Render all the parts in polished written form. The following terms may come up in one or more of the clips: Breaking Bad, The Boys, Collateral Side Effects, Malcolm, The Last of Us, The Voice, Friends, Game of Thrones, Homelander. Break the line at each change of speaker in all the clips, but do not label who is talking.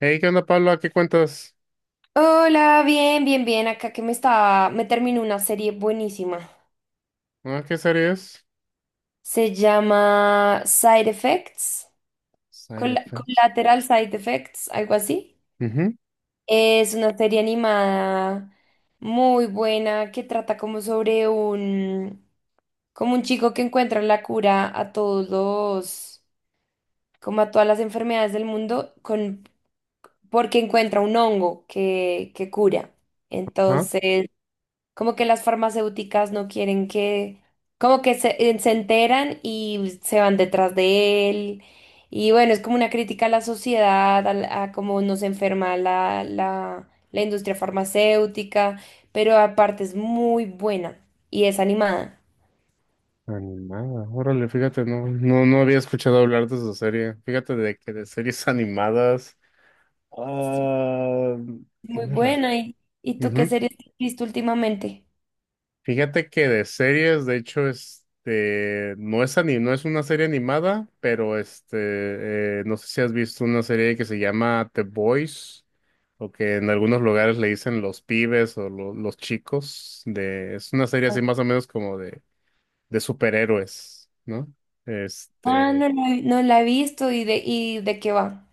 Hey, ¿qué onda, Pablo? ¿A qué cuentas?
Hola, bien, bien, bien. Acá que me terminó una serie buenísima.
¿Ah, qué series?
Se llama Side Effects,
Side effects.
Collateral Side Effects, algo así.
Ujú.
Es una serie animada muy buena que trata como sobre como un chico que encuentra la cura a como a todas las enfermedades del mundo, porque encuentra un hongo que cura.
Ah,
Entonces como que las farmacéuticas no quieren como que se enteran y se van detrás de él. Y bueno, es como una crítica a la sociedad, a cómo nos enferma la la industria farmacéutica, pero aparte es muy buena y es animada.
animada. Órale, fíjate, no, no, no había escuchado hablar de esa serie. Fíjate de que de series animadas.
Sí.
Ah,
Muy
tienes razón.
buena. ¿ y tú qué
Ujú.
series has visto últimamente?
Fíjate que de series, de hecho, este, no es una serie animada, pero este, no sé si has visto una serie que se llama The Boys, o que en algunos lugares le dicen los pibes o los chicos. De, es una serie así más o menos como de superhéroes, ¿no?
Ah,
Este,
no la he visto y de qué va.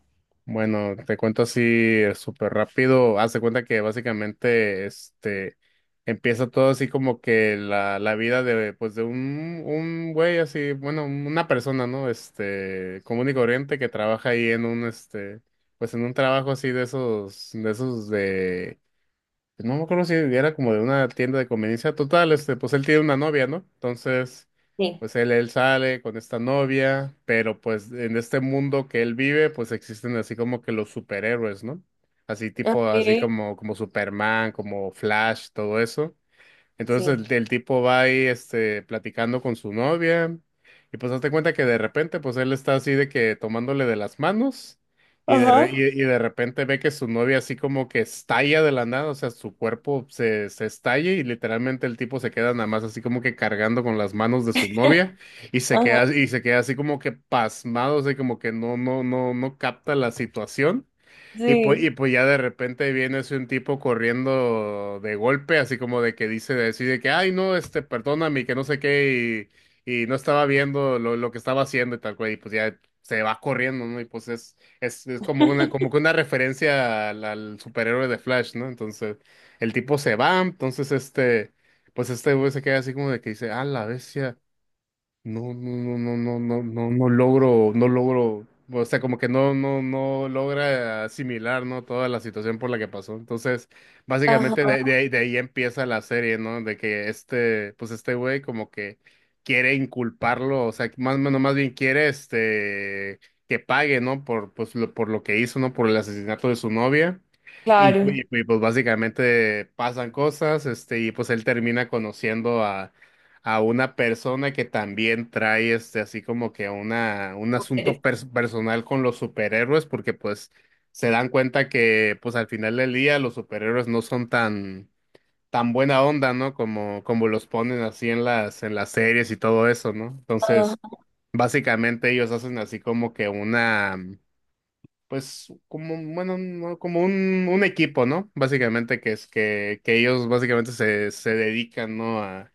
bueno, te cuento así súper rápido. Haz de cuenta que básicamente este, empieza todo así como que la vida de, pues de un güey así, bueno, una persona, ¿no? Este, común y corriente que trabaja ahí en un, este, pues en un trabajo así de esos de pues, no me acuerdo si era como de una tienda de conveniencia. Total, este, pues él tiene una novia, ¿no? Entonces,
Sí.
pues él sale con esta novia, pero pues en este mundo que él vive, pues existen así como que los superhéroes, ¿no? Así tipo, así
Ok.
como Superman, como Flash, todo eso. Entonces
Sí.
el tipo va ahí este, platicando con su novia y pues hazte cuenta que de repente pues él está así de que tomándole de las manos y de, re-
Ajá.
y, y de repente ve que su novia así como que estalla de la nada, o sea, su cuerpo se estalla y literalmente el tipo se queda nada más así como que cargando con las manos de su novia
Ajá.
y se queda así como que pasmado, o sea, como que no, no, no, no capta la situación. Y
Sí.
pues ya de repente viene así un tipo corriendo de golpe, así como de que decide que, ay, no, este, perdóname, que no sé qué, y no estaba viendo lo que estaba haciendo y tal cual, y pues ya se va corriendo, ¿no? Y pues es como una, como que una referencia al superhéroe de Flash, ¿no? Entonces, el tipo se va, entonces este, pues este güey se queda así como de que dice, ah, la bestia. No, no, no, no, no, no, no, no logro, o sea, como que no, no, no logra asimilar, ¿no? Toda la situación por la que pasó. Entonces, básicamente
Ajá.
de ahí empieza la serie, ¿no? De que este, pues este güey como que quiere inculparlo, o sea, más, bueno, más bien quiere este, que pague, ¿no? Por, pues, lo, por lo que hizo, ¿no? Por el asesinato de su novia. Y, pues
Claro.
y, pues básicamente pasan cosas, este, y pues él termina conociendo a una persona que también trae este así como que una un asunto
Eres-.
personal con los superhéroes, porque pues se dan cuenta que pues al final del día los superhéroes no son tan buena onda, ¿no? Como los ponen así en las series y todo eso, ¿no?
Ajá,
Entonces, básicamente ellos hacen así como que una pues como, bueno, no, como un equipo, ¿no? Básicamente que es que ellos básicamente se, se dedican, ¿no?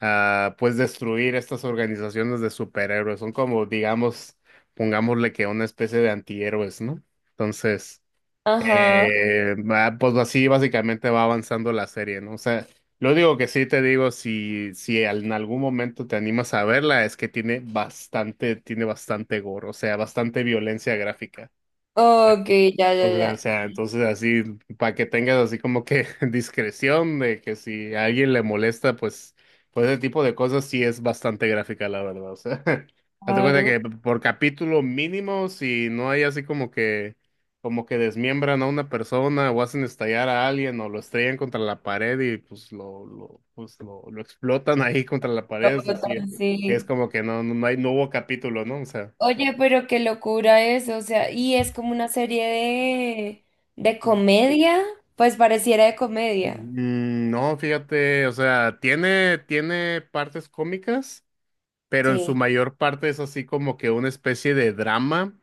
A pues destruir estas organizaciones de superhéroes. Son como, digamos, pongámosle que una especie de antihéroes, ¿no? Entonces,
ajá.
pues así básicamente va avanzando la serie, ¿no? O sea, lo único que sí te digo, si, si en algún momento te animas a verla, es que tiene bastante gore, o sea, bastante violencia gráfica.
Ok, ya, ya,
O
ya.
sea, entonces así, para que tengas así como que discreción de que si a alguien le molesta, pues, pues ese tipo de cosas sí es bastante gráfica, la verdad. O sea, hazte cuenta
Claro.
que por capítulo mínimo, si no hay así como que desmiembran a una persona o hacen estallar a alguien o lo estrellan contra la pared y pues lo explotan ahí contra la pared, es decir,
Robots,
es
sí.
como que no, no no hay, no hubo capítulo, ¿no? O sea,
Oye, pero qué locura eso, o sea, y es como una serie de comedia, pues pareciera de comedia.
No, fíjate, o sea, tiene, tiene partes cómicas, pero en su
Sí,
mayor parte es así como que una especie de drama.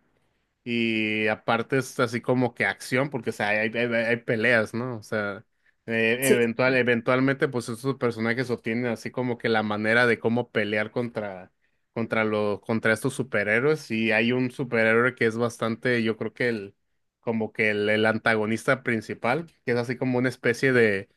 Y aparte es así como que acción, porque o sea, hay, hay peleas, ¿no? O sea,
sí.
eventualmente, pues estos personajes obtienen así como que la manera de cómo pelear contra, contra estos superhéroes. Y hay un superhéroe que es bastante, yo creo que el, como que el antagonista principal, que es así como una especie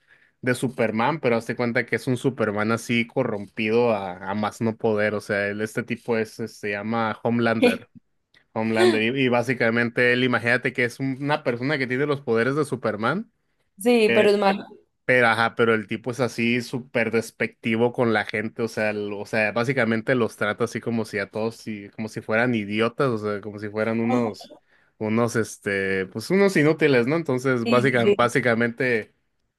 de Superman, pero hazte cuenta que es un Superman así corrompido a más no poder. O sea, este tipo es, este, se llama Homelander. Homelander. Y básicamente él, imagínate que es una persona que tiene los poderes de Superman.
Sí, pero es malo.
Pero, ajá, pero el tipo es así súper despectivo con la gente, o sea, o sea, básicamente los trata así como si a todos, como si fueran idiotas, o sea, como si fueran unos, este, pues unos inútiles, ¿no? Entonces,
Sí, sí,
básicamente,
sí.
básicamente,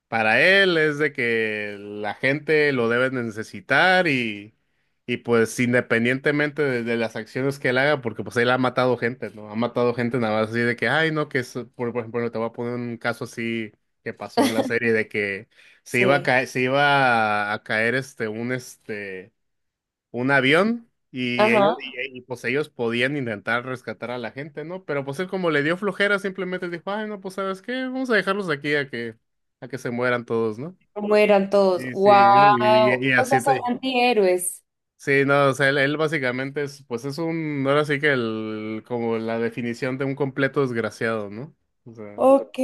para él es de que la gente lo debe de necesitar y pues independientemente de las acciones que él haga, porque pues él ha matado gente, ¿no? Ha matado gente nada más así de que, ay, no, que es, por ejemplo, te voy a poner un caso así que pasó en la serie de que se iba a
Sí.
caer, se iba a caer este un avión y ellos
Ajá.
y, pues ellos podían intentar rescatar a la gente, ¿no? Pero pues él como le dio flojera simplemente dijo, "Ay, no, pues ¿sabes qué? Vamos a dejarlos aquí a que se mueran todos, ¿no?"
¿Cómo todos?
Y sí,
¡Wow!
y
O sea,
así
son
te-
antihéroes.
Sí, no, o sea, él básicamente es, pues es un, ahora sí que el, como la definición de un completo desgraciado, ¿no? O sea,
Ok.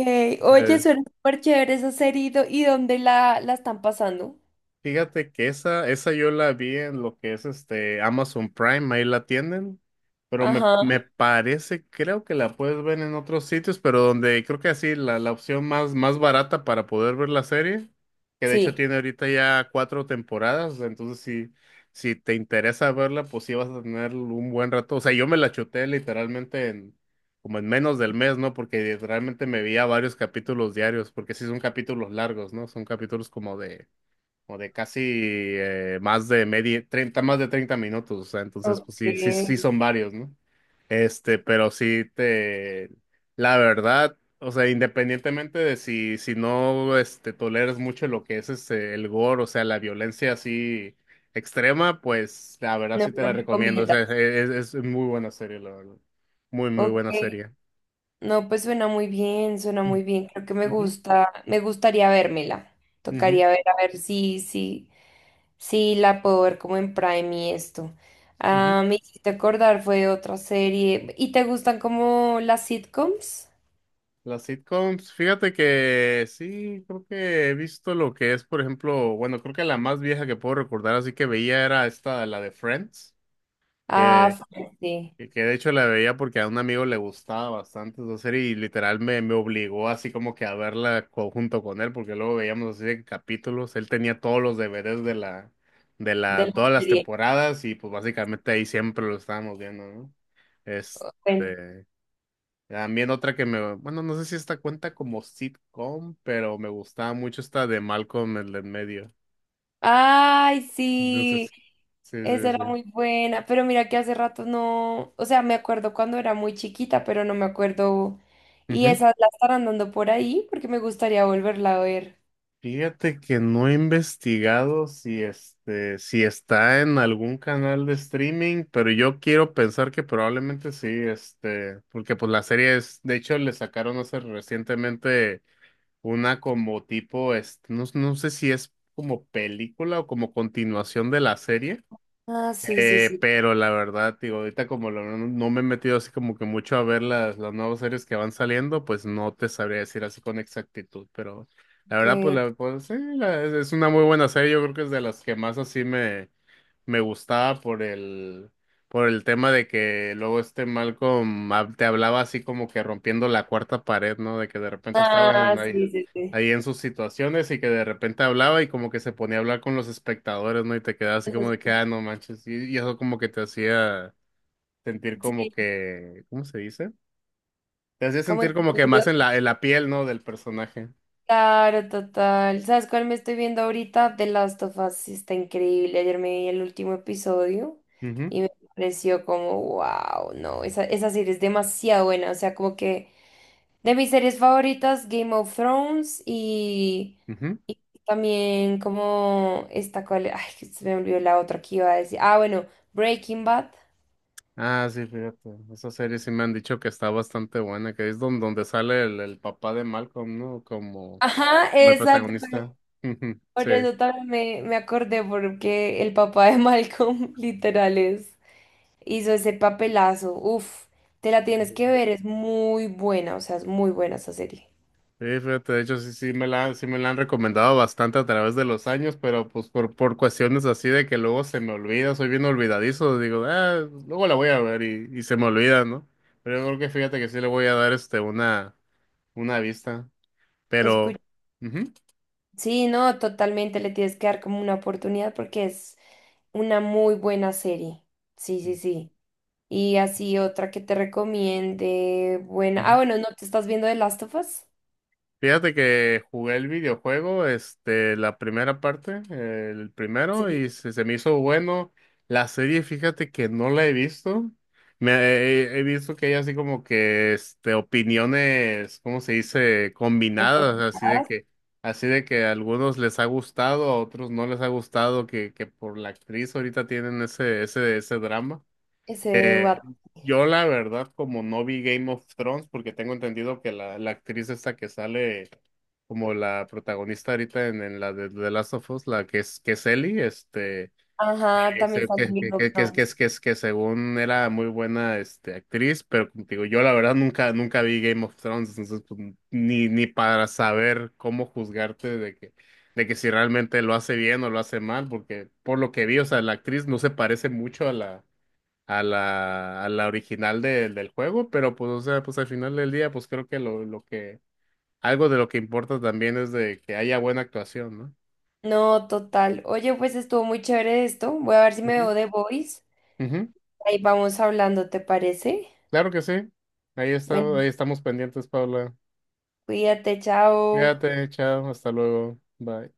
sí.
Oye, suena súper chévere esa serie. ¿ y dónde la están pasando?
Fíjate que esa yo la vi en lo que es este Amazon Prime, ahí la tienen, pero me,
Ajá,
me parece, creo que la puedes ver en otros sitios, pero donde creo que así la, la opción más, más barata para poder ver la serie, que de hecho
sí.
tiene ahorita ya cuatro temporadas, entonces si, si te interesa verla, pues sí vas a tener un buen rato. O sea, yo me la chuté literalmente en, como en menos del mes, ¿no? Porque literalmente me veía varios capítulos diarios, porque sí son capítulos largos, ¿no? Son capítulos como de o de casi más de 30 minutos, o sea, entonces pues
Ok,
sí, sí, sí son varios, ¿no? Este, pero sí te, la verdad, o sea, independientemente de si, si no, este, toleras mucho lo que es este, el gore, o sea, la violencia así extrema, pues la verdad
no
sí
me
te
lo
la recomiendo, o
recomiendas.
sea, es, es muy buena serie, la verdad, muy, muy
Ok.
buena serie.
No, pues suena muy bien, suena
Mm.
muy bien. Creo que me
Ujú,
gusta, me gustaría vérmela.
ujú,
Tocaría ver a ver si si la puedo ver como en Prime y esto.
ujú.
Ah, me hiciste acordar, fue otra serie. ¿Y te gustan como las sitcoms?
Las sitcoms, fíjate que sí, creo que he visto lo que es, por ejemplo, bueno, creo que la más vieja que puedo recordar, así que veía era esta, la de Friends,
Ah,
que,
fuerte,
que de hecho la veía porque a un amigo le gustaba bastante esa serie y literal me obligó así como que a verla junto con él, porque luego veíamos así de capítulos, él tenía todos los deberes de la,
de la
todas las
serie.
temporadas y pues básicamente ahí siempre lo estábamos viendo, ¿no?
Bueno.
Este... También otra que me, bueno, no sé si esta cuenta como sitcom, pero me gustaba mucho esta de Malcolm el de en medio.
Ay, sí,
Entonces, sí,
esa
sí,
era
sí.
muy buena, pero mira que hace rato no, o sea, me acuerdo cuando era muy chiquita, pero no me acuerdo. Y
Ujú.
esas la estarán dando por ahí porque me gustaría volverla a ver.
Fíjate que no he investigado si este, si está en algún canal de streaming, pero yo quiero pensar que probablemente sí, este, porque pues la serie es, de hecho, le sacaron hace recientemente una como tipo, este, no, no sé si es como película o como continuación de la serie.
Ah, sí, sí, sí.
Pero la verdad, digo, ahorita como no me he metido así como que mucho a ver las nuevas series que van saliendo, pues no te sabría decir así con exactitud, pero la verdad, pues,
Ok.
la, pues sí, es una muy buena serie, yo creo que es de las que más así me, me gustaba por el tema de que luego este Malcolm te hablaba así como que rompiendo la cuarta pared, ¿no? De que de repente estaba
Ah,
en ahí,
sí, sí, sí.
en sus situaciones y que de repente hablaba y como que se ponía a hablar con los espectadores, ¿no? Y te quedaba así
Eso
como
es-.
de que, ah, no manches. Y eso como que te hacía sentir como
Sí,
que, ¿cómo se dice? Te hacía
como
sentir como que
incluido.
más en la, piel, ¿no? Del personaje.
Claro, total. ¿Sabes cuál me estoy viendo ahorita? The Last of Us. Sí, está increíble. Ayer me vi el último episodio
Ujú,
y me pareció como, wow, no, esa serie es demasiado buena. O sea, como que de mis series favoritas, Game of Thrones
ujú.
y también como esta cual, ay, que se me olvidó la otra que iba a decir. Ah, bueno, Breaking Bad.
Ah, sí, fíjate. Esa serie sí me han dicho que está bastante buena, que es donde sale el papá de Malcolm, ¿no? Como,
Ajá,
como el
exacto.
protagonista.
Por
Sí.
eso también me acordé porque el papá de Malcolm literal es. Hizo ese papelazo. Uff, te la tienes que ver, es muy buena, o sea, es muy buena esa serie.
Sí, fíjate, de hecho sí me la han recomendado bastante a través de los años, pero pues por cuestiones así de que luego se me olvida, soy bien olvidadizo, digo, ah, luego la voy a ver y se me olvida, ¿no? Pero yo creo que fíjate que sí le voy a dar este una vista.
Escu-,
Pero,
sí, no, totalmente le tienes que dar como una oportunidad porque es una muy buena serie. Sí, sí, sí. Y así otra que te recomiende, buena. Ah,
ujú.
bueno, ¿no te estás viendo The Last of Us?
Fíjate que jugué el videojuego, este, la primera parte, el primero,
Sí,
y se me hizo bueno. La serie, fíjate que no la he visto. He visto que hay así como que, este, opiniones, ¿cómo se dice?
en
Combinadas,
cortadas,
así de que a algunos les ha gustado, a otros no les ha gustado, que por la actriz ahorita tienen ese drama.
ese de
Eh,
What-.
yo la verdad, como no vi Game of Thrones, porque tengo entendido que la actriz esta que sale como la protagonista ahorita en la de The Last of Us, la que es Ellie, este,
Ajá,
es
también
el
sale Game of
que, es- que,
Thrones.
es- que, es- que según era muy buena este, actriz, pero como te digo yo la verdad nunca vi Game of Thrones, entonces pues, ni, ni para saber cómo juzgarte de que si realmente lo hace bien o lo hace mal, porque por lo que vi, o sea, la actriz no se parece mucho a la a la original del juego, pero pues, o sea, pues al final del día, pues creo que algo de lo que importa también es de que haya buena actuación, ¿no?
No, total. Oye, pues estuvo muy chévere esto. Voy a ver si me
Ujú.
veo The Voice.
Ujú.
Ahí vamos hablando, ¿te parece?
Claro que sí. Ahí está, ahí
Bueno,
estamos pendientes, Paula.
cuídate, chao.
Cuídate, chao, hasta luego. Bye.